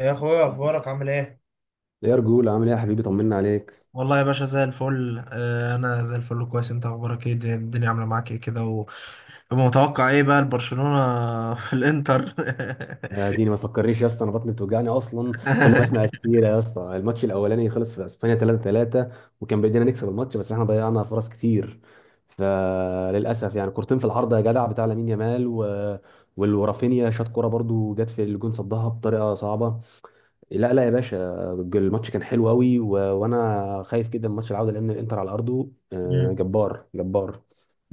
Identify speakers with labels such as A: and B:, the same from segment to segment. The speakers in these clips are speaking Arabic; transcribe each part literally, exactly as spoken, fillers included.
A: يا اخويا اخبارك عامل ايه؟
B: يا رجول، عامل ايه يا حبيبي؟ طمنا عليك.
A: والله يا باشا زي الفل، آه، انا زي الفل كويس. انت اخبارك ايه؟ الدنيا الدنيا عامله معاك ايه كده و- ومتوقع ايه بقى البرشلونه في الانتر؟
B: يا ديني ما تفكرنيش يا اسطى، انا بطني بتوجعني اصلا. كل ما اسمع السيره يا اسطى. الماتش الاولاني خلص في اسبانيا تلاتة تلاتة، وكان بايدينا نكسب الماتش بس احنا ضيعنا فرص كتير. فللاسف يعني كورتين في العارضه يا جدع بتاع لامين يامال و... وال- ورافينيا شاط كوره برضو جت في الجون صدها بطريقه صعبه. لا لا يا باشا، الماتش كان حلو قوي و... وانا خايف جدا من ماتش العوده لان الانتر على ارضه آه،
A: مم.
B: جبار جبار.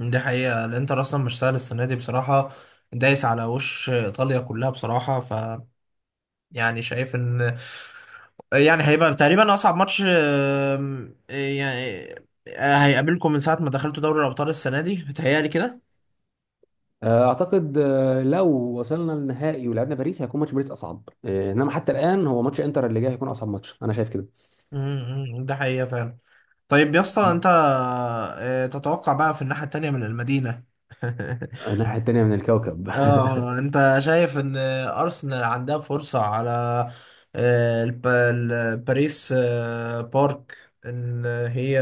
A: دي حقيقه، الانتر اصلا مش سهل السنه دي بصراحه، دايس على وش ايطاليا كلها بصراحه. ف يعني شايف ان يعني هيبقى تقريبا اصعب ماتش، آم، يعني آه، هيقابلكم من ساعه ما دخلتوا دوري الابطال السنه دي، بتهيألي كده.
B: آه، اعتقد آه، لو وصلنا للنهائي ولعبنا باريس هيكون ماتش باريس اصعب، آه، انما حتى الان هو ماتش انتر اللي جاي هيكون اصعب ماتش، انا شايف كده.
A: مم. مم. ده حقيقه فعلا. طيب يا اسطى انت آه، تتوقع بقى في الناحية التانية من المدينة؟
B: الناحيه التانيه من الكوكب
A: اه، انت شايف ان ارسنال عندها فرصة على آه، الب- ال- باريس آه، بارك، ان هي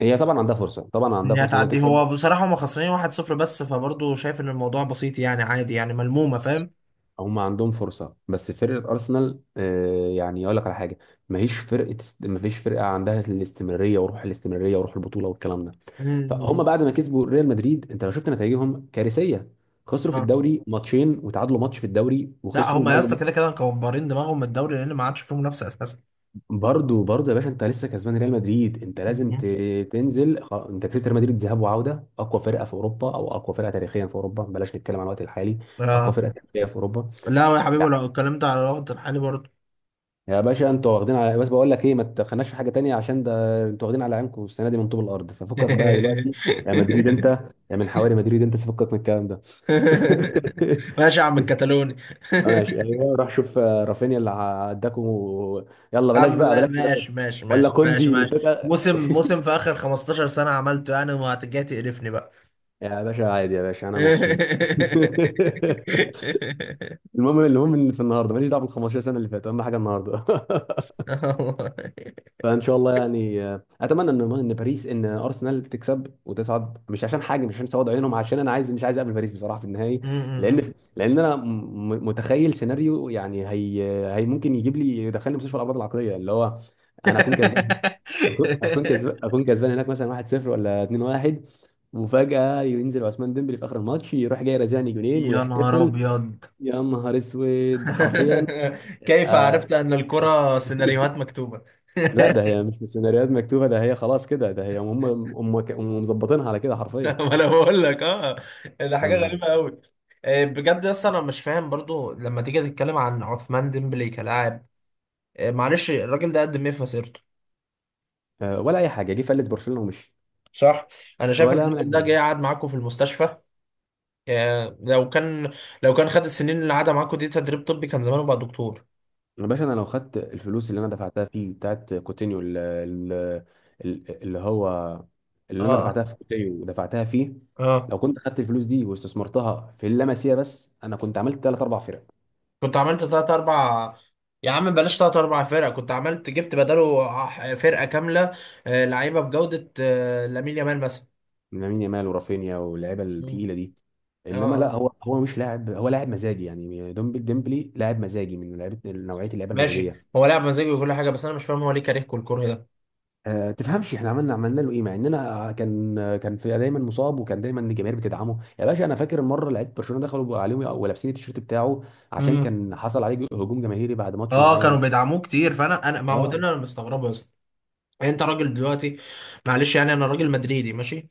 B: هي طبعا عندها فرصه، طبعا عندها
A: انها
B: فرصه انها
A: تعدي.
B: تكسب.
A: هو بصراحة هم خسرانين واحد صفر بس، فبرضه شايف ان الموضوع بسيط، يعني عادي، يعني ملمومة، فاهم.
B: هم عندهم فرصه بس فرقه ارسنال، آه، يعني اقول لك على حاجه. ماهيش فرقه، مفيش فرقه عندها الاستمراريه وروح الاستمراريه وروح البطوله والكلام ده. فهم
A: مم.
B: بعد ما كسبوا ريال مدريد انت لو شفت نتائجهم كارثيه. خسروا في
A: اه،
B: الدوري ماتشين وتعادلوا ماتش في الدوري
A: لا، هم
B: وخسروا
A: يا اسطى
B: اول.
A: كده كده مكبرين دماغهم من الدوري لان ما عادش فيه منافسة اساسا.
B: برضو برضو يا باشا، انت لسه كسبان ريال مدريد، انت لازم
A: مم.
B: ت- تنزل خ- انت كسبت ريال مدريد ذهاب وعوده، اقوى فرقه في اوروبا، او اقوى فرقه تاريخيا في اوروبا، بلاش نتكلم عن الوقت الحالي. اقوى
A: اه،
B: فرقه تاريخيا في اوروبا.
A: لا يا حبيبي،
B: يعني
A: لو اتكلمت على الوقت الحالي برضه.
B: يا باشا انتوا واخدين على، بس بقول لك ايه، ما تخناش في حاجه تانية عشان ده انتوا واخدين على عينكم السنه دي من طوب الارض، ففكك بقى دلوقتي. يا مدريد انت، يا من حواري مدريد انت تفكك من الكلام ده.
A: ماشي يا عم الكتالوني.
B: ماشي، ايوه روح شوف آه، رافينيا اللي عداكم و... يلا
A: يا
B: بلاش
A: عم،
B: بقى
A: ما-
B: بلاش بلاش.
A: ماشي ماشي
B: ولا
A: ماشي ماشي
B: كوندي اللي
A: ماشي.
B: اداك.
A: موسم موسم في اخر خمسة عشر سنة عملته، يعني وهتجي تقرفني بقى؟
B: يا باشا عادي، يا باشا انا مبسوط. المهم، المهم ان في النهارده ماليش دعوه بال خمستاشر سنه اللي فاتت، اهم حاجه النهارده.
A: والله.
B: فان شاء الله يعني، آه، اتمنى ان ان باريس، ان ارسنال تكسب وتصعد، مش عشان حاجه، مش عشان سواد عيونهم، عشان انا عايز، مش عايز اقابل باريس بصراحه في النهائي.
A: م- م- م.
B: لان لان انا م- م- متخيل سيناريو، يعني هي، هي ممكن يجيب لي يدخلني مستشفى الامراض العقليه، اللي هو انا اكون كسبان، اكون اكون كسبان، اكون كسبان هناك مثلا واحد صفر ولا اتنين واحد، وفجأة ينزل عثمان ديمبلي في آخر الماتش يروح جاي رازعني جولين
A: يا نهار
B: ويحتفل.
A: ابيض!
B: يا نهار اسود حرفيا.
A: كيف عرفت
B: آه.
A: ان الكرة سيناريوهات مكتوبة؟
B: لا، ده هي مش سيناريوهات مكتوبة، ده هي خلاص كده، ده هي هم هم هم مظبطينها على كده حرفيا.
A: ما انا بقول لك، اه. ده
B: يا
A: حاجه
B: نهار
A: غريبه
B: اسود.
A: قوي. بجد يا اسطى انا مش فاهم برضو لما تيجي تتكلم عن عثمان ديمبلي كلاعب، آه، معلش الراجل ده قدم ايه في مسيرته؟
B: آه ولا أي حاجة، جه فلت برشلونة ومشي
A: صح. انا شايف ان
B: ولا
A: الراجل ده
B: عمل.
A: جاي قعد معاكم في المستشفى. آه، لو كان لو كان خد السنين اللي قعدها معاكم دي تدريب طبي كان زمانه بقى دكتور.
B: يا باشا انا لو خدت الفلوس اللي انا دفعتها فيه بتاعت كوتينيو ال- ال- ال- اللي هو،
A: اه،
B: اللي انا
A: اه،
B: دفعتها في كوتينيو ودفعتها فيه، لو
A: اه،
B: كنت خدت الفلوس دي واستثمرتها في اللمسيه بس انا كنت عملت ثلاث اربع فرق.
A: كنت عملت تلات اربع. يا عم بلاش تلات اربع فرق، كنت عملت جبت بداله ح- فرقه كامله، آه، لعيبه بجوده، آه، لامين يامال مثلا.
B: من لامين يامال ورافينيا واللعيبه
A: مم.
B: التقيله دي.
A: اه،
B: انما لا،
A: اه،
B: هو هو مش لاعب، هو لاعب مزاجي يعني. ديمبلي ديمبلي لاعب مزاجي، من لعيبه نوعيه اللعيبه
A: ماشي.
B: المزاجيه.
A: هو لعب مزاجي وكل حاجه، بس انا مش فاهم هو ليه كارهكم الكره ده؟
B: آه، تفهمش احنا عملنا عملنا له ايه، مع اننا كان كان في دايما مصاب، وكان دايما الجماهير بتدعمه، يا باشا انا فاكر مره لعيب برشلونه دخلوا عليهم ولابسين التيشيرت بتاعه عشان
A: امم
B: كان حصل عليه هجوم جماهيري بعد ماتش
A: اه، كانوا
B: معين.
A: بيدعموه كتير، فانا انا ما هو ده
B: اه
A: اللي انا مستغربه اصلا. انت راجل دلوقتي، معلش يعني انا راجل مدريدي ماشي.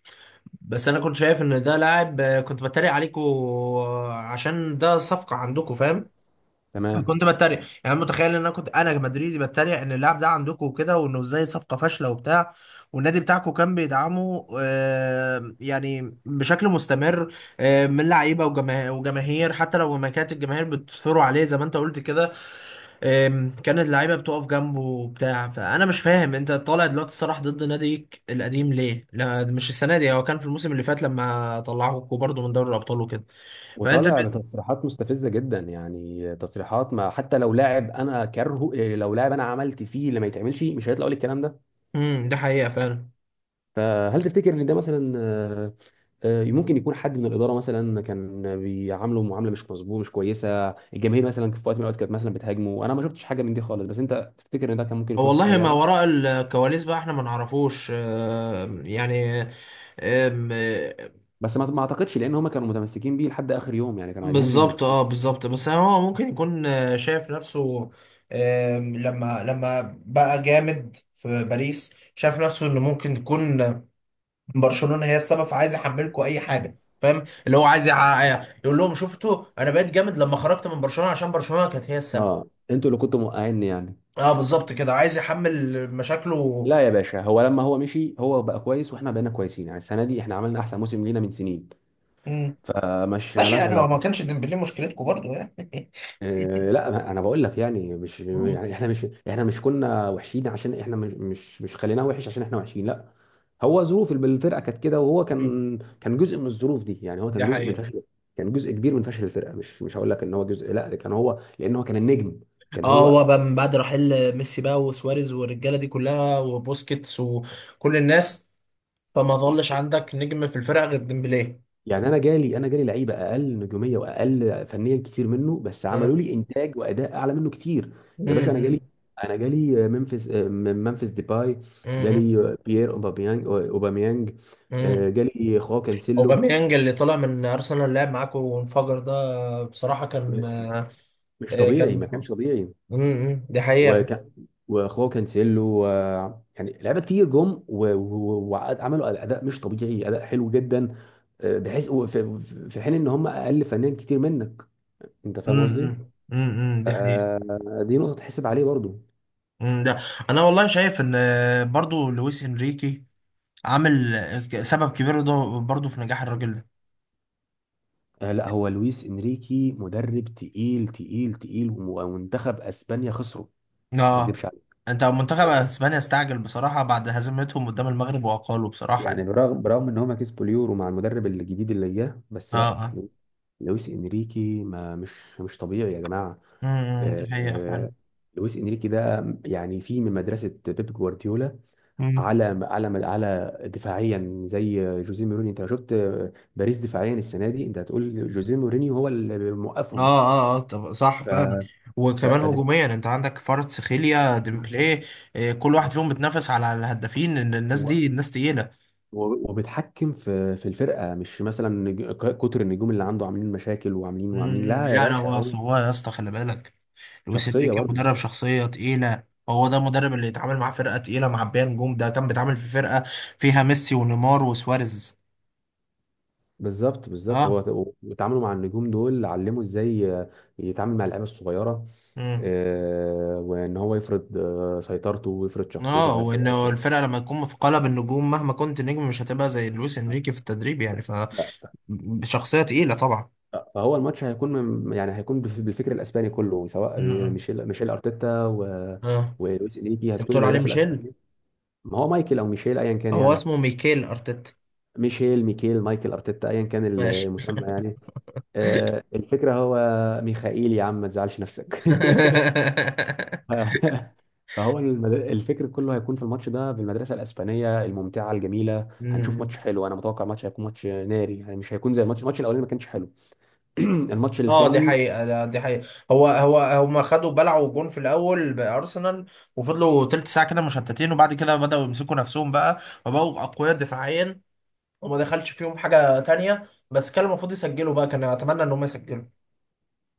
A: بس انا كنت شايف ان ده لاعب، آه، كنت بتريق عليكم آه، عشان ده صفقه عندكم، فاهم.
B: تمام.
A: فكنت بتريق يعني، أنا متخيل ان انا كنت انا مدريدي بتريق ان اللاعب ده عندكم وكده، وانه ازاي صفقه فاشله وبتاع. والنادي بتاعكم كان بيدعمه آه يعني بشكل مستمر، آه من لعيبه وجما- وجماهير، حتى لو ما كانت الجماهير بتثور عليه زي ما انت قلت كده. آم، كانت اللعيبه بتقف جنبه وبتاع، فانا مش فاهم انت طالع دلوقتي الصراح ضد ناديك القديم ليه؟ لا مش السنه دي، هو كان في الموسم اللي فات لما طلعوكوا برضه من دوري الابطال وكده. فانت ب...
B: وطالع بتصريحات مستفزه جدا، يعني تصريحات، ما حتى لو لاعب انا كرهه إيه، لو لاعب انا عملت فيه اللي ما يتعملش مش هيطلع يقول الكلام ده.
A: امم ده حقيقه فعلا.
B: فهل تفتكر ان ده مثلا، آه، ممكن يكون حد من الاداره مثلا كان بيعامله معامله مش مظبوطه مش كويسه، الجماهير مثلا في وقت من الاوقات كانت مثلا بتهاجمه، انا ما شفتش حاجه من دي خالص، بس انت تفتكر ان ده كان ممكن يكون
A: والله
B: حصل
A: ما
B: يعني؟
A: وراء الكواليس بقى احنا ما نعرفوش، آه، يعني. آم، آه،
B: بس ما ما اعتقدش لان هم كانوا متمسكين بيه لحد اخر يوم، يعني كانوا عايزين يخ...
A: بالظبط، اه، بالظبط، بس هو ممكن يكون آه، شايف نفسه. آم، لما لما بقى جامد في باريس شايف نفسه انه ممكن تكون برشلونة هي السبب، فعايز يحملكوا اي حاجة. فاهم اللي هو عايز يع- يقول لهم: شفتوا، انا بقيت جامد لما خرجت من برشلونة عشان برشلونة كانت هي السبب.
B: اه انتوا اللي كنتوا موقعيني يعني.
A: اه، بالظبط كده، عايز يحمل مشاكله.
B: لا يا باشا، هو لما هو مشي هو بقى كويس واحنا بقينا كويسين، يعني السنه دي احنا عملنا احسن موسم لينا من سنين،
A: مم.
B: فمش
A: ماشي،
B: ملهاش
A: يعني ما ما
B: علاقه.
A: كانش ديمبلي مشكلتكم برضو، يعني.
B: آه، لا انا بقول لك يعني، مش
A: مم.
B: يعني احنا مش، احنا مش كنا وحشين عشان احنا مش مش مش خليناه وحش عشان احنا وحشين، لا. هو ظروف الب- الفرقه كانت كده، وهو كان كان جزء من الظروف دي، يعني هو
A: دي
B: كان جزء من
A: حقيقة.
B: فشل. كان جزء كبير من فشل الفرقه، مش مش هقول لك ان هو جزء، لا ده كان هو، لان هو كان النجم. كان
A: اه، هو
B: هو،
A: بقى من بعد رحيل ميسي بقى وسواريز والرجاله دي كلها وبوسكيتس وكل الناس، فما ظلش عندك نجم في الفرقه غير ديمبلي.
B: يعني انا جالي انا جالي لعيبه اقل نجوميه واقل فنيا كتير منه بس عملوا
A: آه.
B: لي انتاج واداء اعلى منه كتير. يا باشا انا جالي
A: امم
B: انا جالي ممفيس ممفيس ديباي،
A: امم
B: جالي بيير اوباميانج اوباميانج، آه،
A: امم
B: جالي خواو كانسيلو.
A: اوباميانج اللي طلع من ارسنال لعب معاكم وانفجر، ده بصراحه كان آه،
B: مش
A: آه،
B: طبيعي، ما
A: كان
B: كانش طبيعي.
A: امم دي حقيقه.
B: وكان، وخواو كانسيلو و... يعني لعيبه كتير جم و- و- وعملوا اداء مش طبيعي، اداء حلو جدا، آه، بحيث في، في حين ان هم اقل فنيا كتير منك. انت فاهم قصدي؟
A: امم امم دي حقيقة.
B: دي نقطة تحسب عليه برضو.
A: امم ده انا والله شايف ان آه، برضو لويس انريكي عامل سبب كبير ده برضه في نجاح الراجل ده.
B: آه، لا هو لويس انريكي مدرب تقيل تقيل تقيل ومنتخب اسبانيا خسره، ما
A: اه،
B: اكدبش عليه.
A: انت منتخب اسبانيا استعجل بصراحة بعد هزيمتهم قدام المغرب وأقالوا، بصراحة
B: يعني
A: يعني.
B: برغم برغم ان هما كسبوا اليورو مع المدرب الجديد اللي جه، بس
A: اه،
B: لا
A: اه،
B: لو- لويس انريكي، ما مش مش طبيعي يا جماعة.
A: امم دي
B: آه،
A: حقيقة
B: آه،
A: فعلا.
B: لويس انريكي ده يعني في من مدرسة بيب جوارديولا،
A: مم.
B: على على على دفاعيا زي جوزيه مورينيو. انت لو شفت آه، باريس دفاعيا السنة دي انت هتقول جوزيه مورينيو هو اللي
A: اه،
B: موقفهم.
A: اه، اه، طب صح
B: ف
A: فعلا.
B: ف-
A: وكمان
B: فدف...
A: هجوميا، انت عندك فرد سخيليا ديمبلي، آه، كل واحد فيهم بتنافس على الهدافين ان الناس
B: و...
A: دي الناس تقيلة.
B: و- وبتحكم في في الفرقه، مش مثلا نج... ك- كتر النجوم اللي عنده عاملين مشاكل وعاملين وعاملين،
A: مم.
B: لا يا
A: لا، انا
B: باشا.
A: هو
B: هو
A: اصل، هو يا اسطى خلي بالك، لويس
B: شخصيه
A: انريكي
B: برضه.
A: مدرب شخصيه تقيله، هو ده المدرب اللي يتعامل معاه فرقه تقيله معبيه نجوم، ده كان بيتعامل في فرقه فيها ميسي ونيمار وسواريز.
B: بالظبط بالظبط،
A: اه،
B: هو وتعامله مع النجوم دول علمه ازاي يتعامل مع اللعيبه الصغيره،
A: امم
B: آه، وان هو يفرض آه، سيطرته ويفرض شخصيته
A: اه،
B: على الفرقه
A: وانه
B: وكده.
A: الفرقه لما تكون مثقله بالنجوم مهما كنت نجم مش هتبقى زي لويس انريكي في التدريب، يعني
B: ف-
A: فشخصيه تقيله طبعا.
B: ف- فهو الماتش هيكون من- يعني هيكون بف- بالفكر الاسباني كله، سواء
A: امم
B: ميشيل ميشيل ارتيتا و-
A: اه،
B: ولويس انيكي،
A: انت
B: هتكون
A: بتقول عليه
B: المدرسه
A: ميشيل؟
B: الاسبانيه. ما هو مايكل او ميشيل ايا كان
A: هو
B: يعني.
A: اسمه ميكيل ارتيتا.
B: ميشيل ميكيل مايكل ارتيتا ايا كان
A: ماشي.
B: المسمى يعني. آه، الفكره هو، ميخائيل يا عم ما تزعلش نفسك. ف- فهو المد... الفكر كله هيكون في الماتش ده بالمدرسه الاسبانيه الممتعه الجميله. هنشوف ماتش
A: مم.
B: حلو، انا متوقع ماتش هيكون ماتش ناري، يعني مش هيكون زي الماتش الماتش الاولاني ما كانش حلو. الماتش
A: اه، دي
B: الثاني.
A: حقيقة. لا، دي حقيقة. هو هو هما خدوا بلعوا جون في الأول بأرسنال، وفضلوا تلت ساعة كده مشتتين وبعد كده بدأوا يمسكوا نفسهم بقى، وبقوا أقوياء دفاعيا، وما دخلش فيهم حاجة تانية، بس كان المفروض يسجلوا بقى، كان أتمنى إن هم يسجلوا.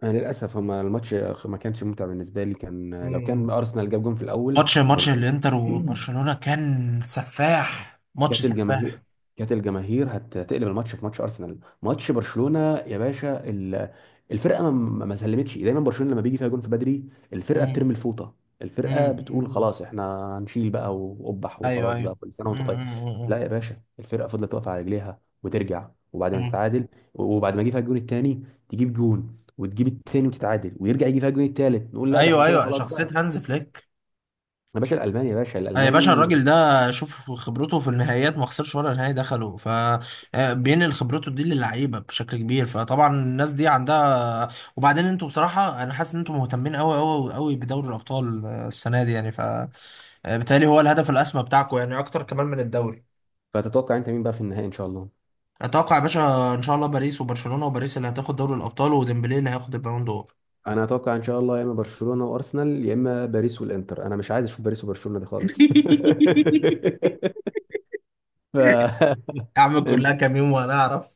B: أنا للأسف، هما الماتش ما كانش ممتع بالنسبة لي، كان لو
A: مم.
B: كان أرسنال جاب جون في الأول
A: ماتش ماتش
B: كان.
A: الانتر وبرشلونة كان سفاح، ماتش
B: كانت الجماهير
A: سفاح.
B: كانت الجماهير هت- هتقلب الماتش في ماتش ارسنال، ماتش برشلونه يا باشا. ال- الفرقه ما ما- ما سلمتش، دايما برشلونه لما بيجي فيها جون في بدري الفرقه
A: مم.
B: بترمي الفوطه. الفرقه
A: مم.
B: بتقول
A: مم.
B: خلاص احنا هنشيل بقى وقبح،
A: ايوه،
B: وخلاص بقى
A: ايوه.
B: كل سنه
A: مم.
B: وانت طيب.
A: مم.
B: لا
A: مم.
B: يا باشا، الفرقه فضلت واقفه على رجليها وترجع، وبعد ما
A: مم.
B: تتعادل، وبعد ما يجي فيها الجون الثاني تجيب جون وتجيب التاني وتتعادل، ويرجع يجي فيها الجون التالت نقول لا ده
A: ايوه،
B: احنا كده
A: ايوه،
B: خلاص
A: شخصية
B: بقى.
A: هانز فليك،
B: يا باشا الالماني، يا باشا
A: آه، يا باشا
B: الالماني.
A: الراجل ده، شوف خبرته في النهائيات، ما خسرش ولا نهائي دخله فبينقل خبرته دي للعيبه بشكل كبير، فطبعا الناس دي عندها. وبعدين انتوا، بصراحه انا حاسس ان انتوا مهتمين قوي قوي قوي بدوري الابطال آه، السنه دي يعني، فبالتالي هو الهدف الاسمى بتاعكم يعني اكتر كمان من الدوري.
B: فتتوقع انت مين بقى في النهائي ان شاء الله؟
A: اتوقع يا باشا ان شاء الله باريس وبرشلونه، وباريس اللي هتاخد دوري الابطال وديمبلي اللي هياخد البالون دور.
B: انا اتوقع ان شاء الله يا اما برشلونه وارسنال، يا اما باريس والانتر. انا مش عايز اشوف باريس وبرشلونه دي خالص. ف
A: اعمل
B: ان
A: كلها كام يوم وانا اعرف.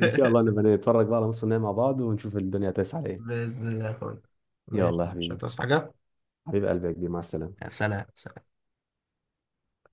B: إن شاء الله نبقى نتفرج بقى على نص النهائي مع بعض ونشوف الدنيا هتسعى على ايه.
A: باذن الله يا اخويا. ماشي
B: يلا يا
A: مش
B: حبيبي،
A: هتصحى حاجه.
B: حبيب قلبي يا كبير، مع
A: يا
B: السلامه.
A: سلام سلام.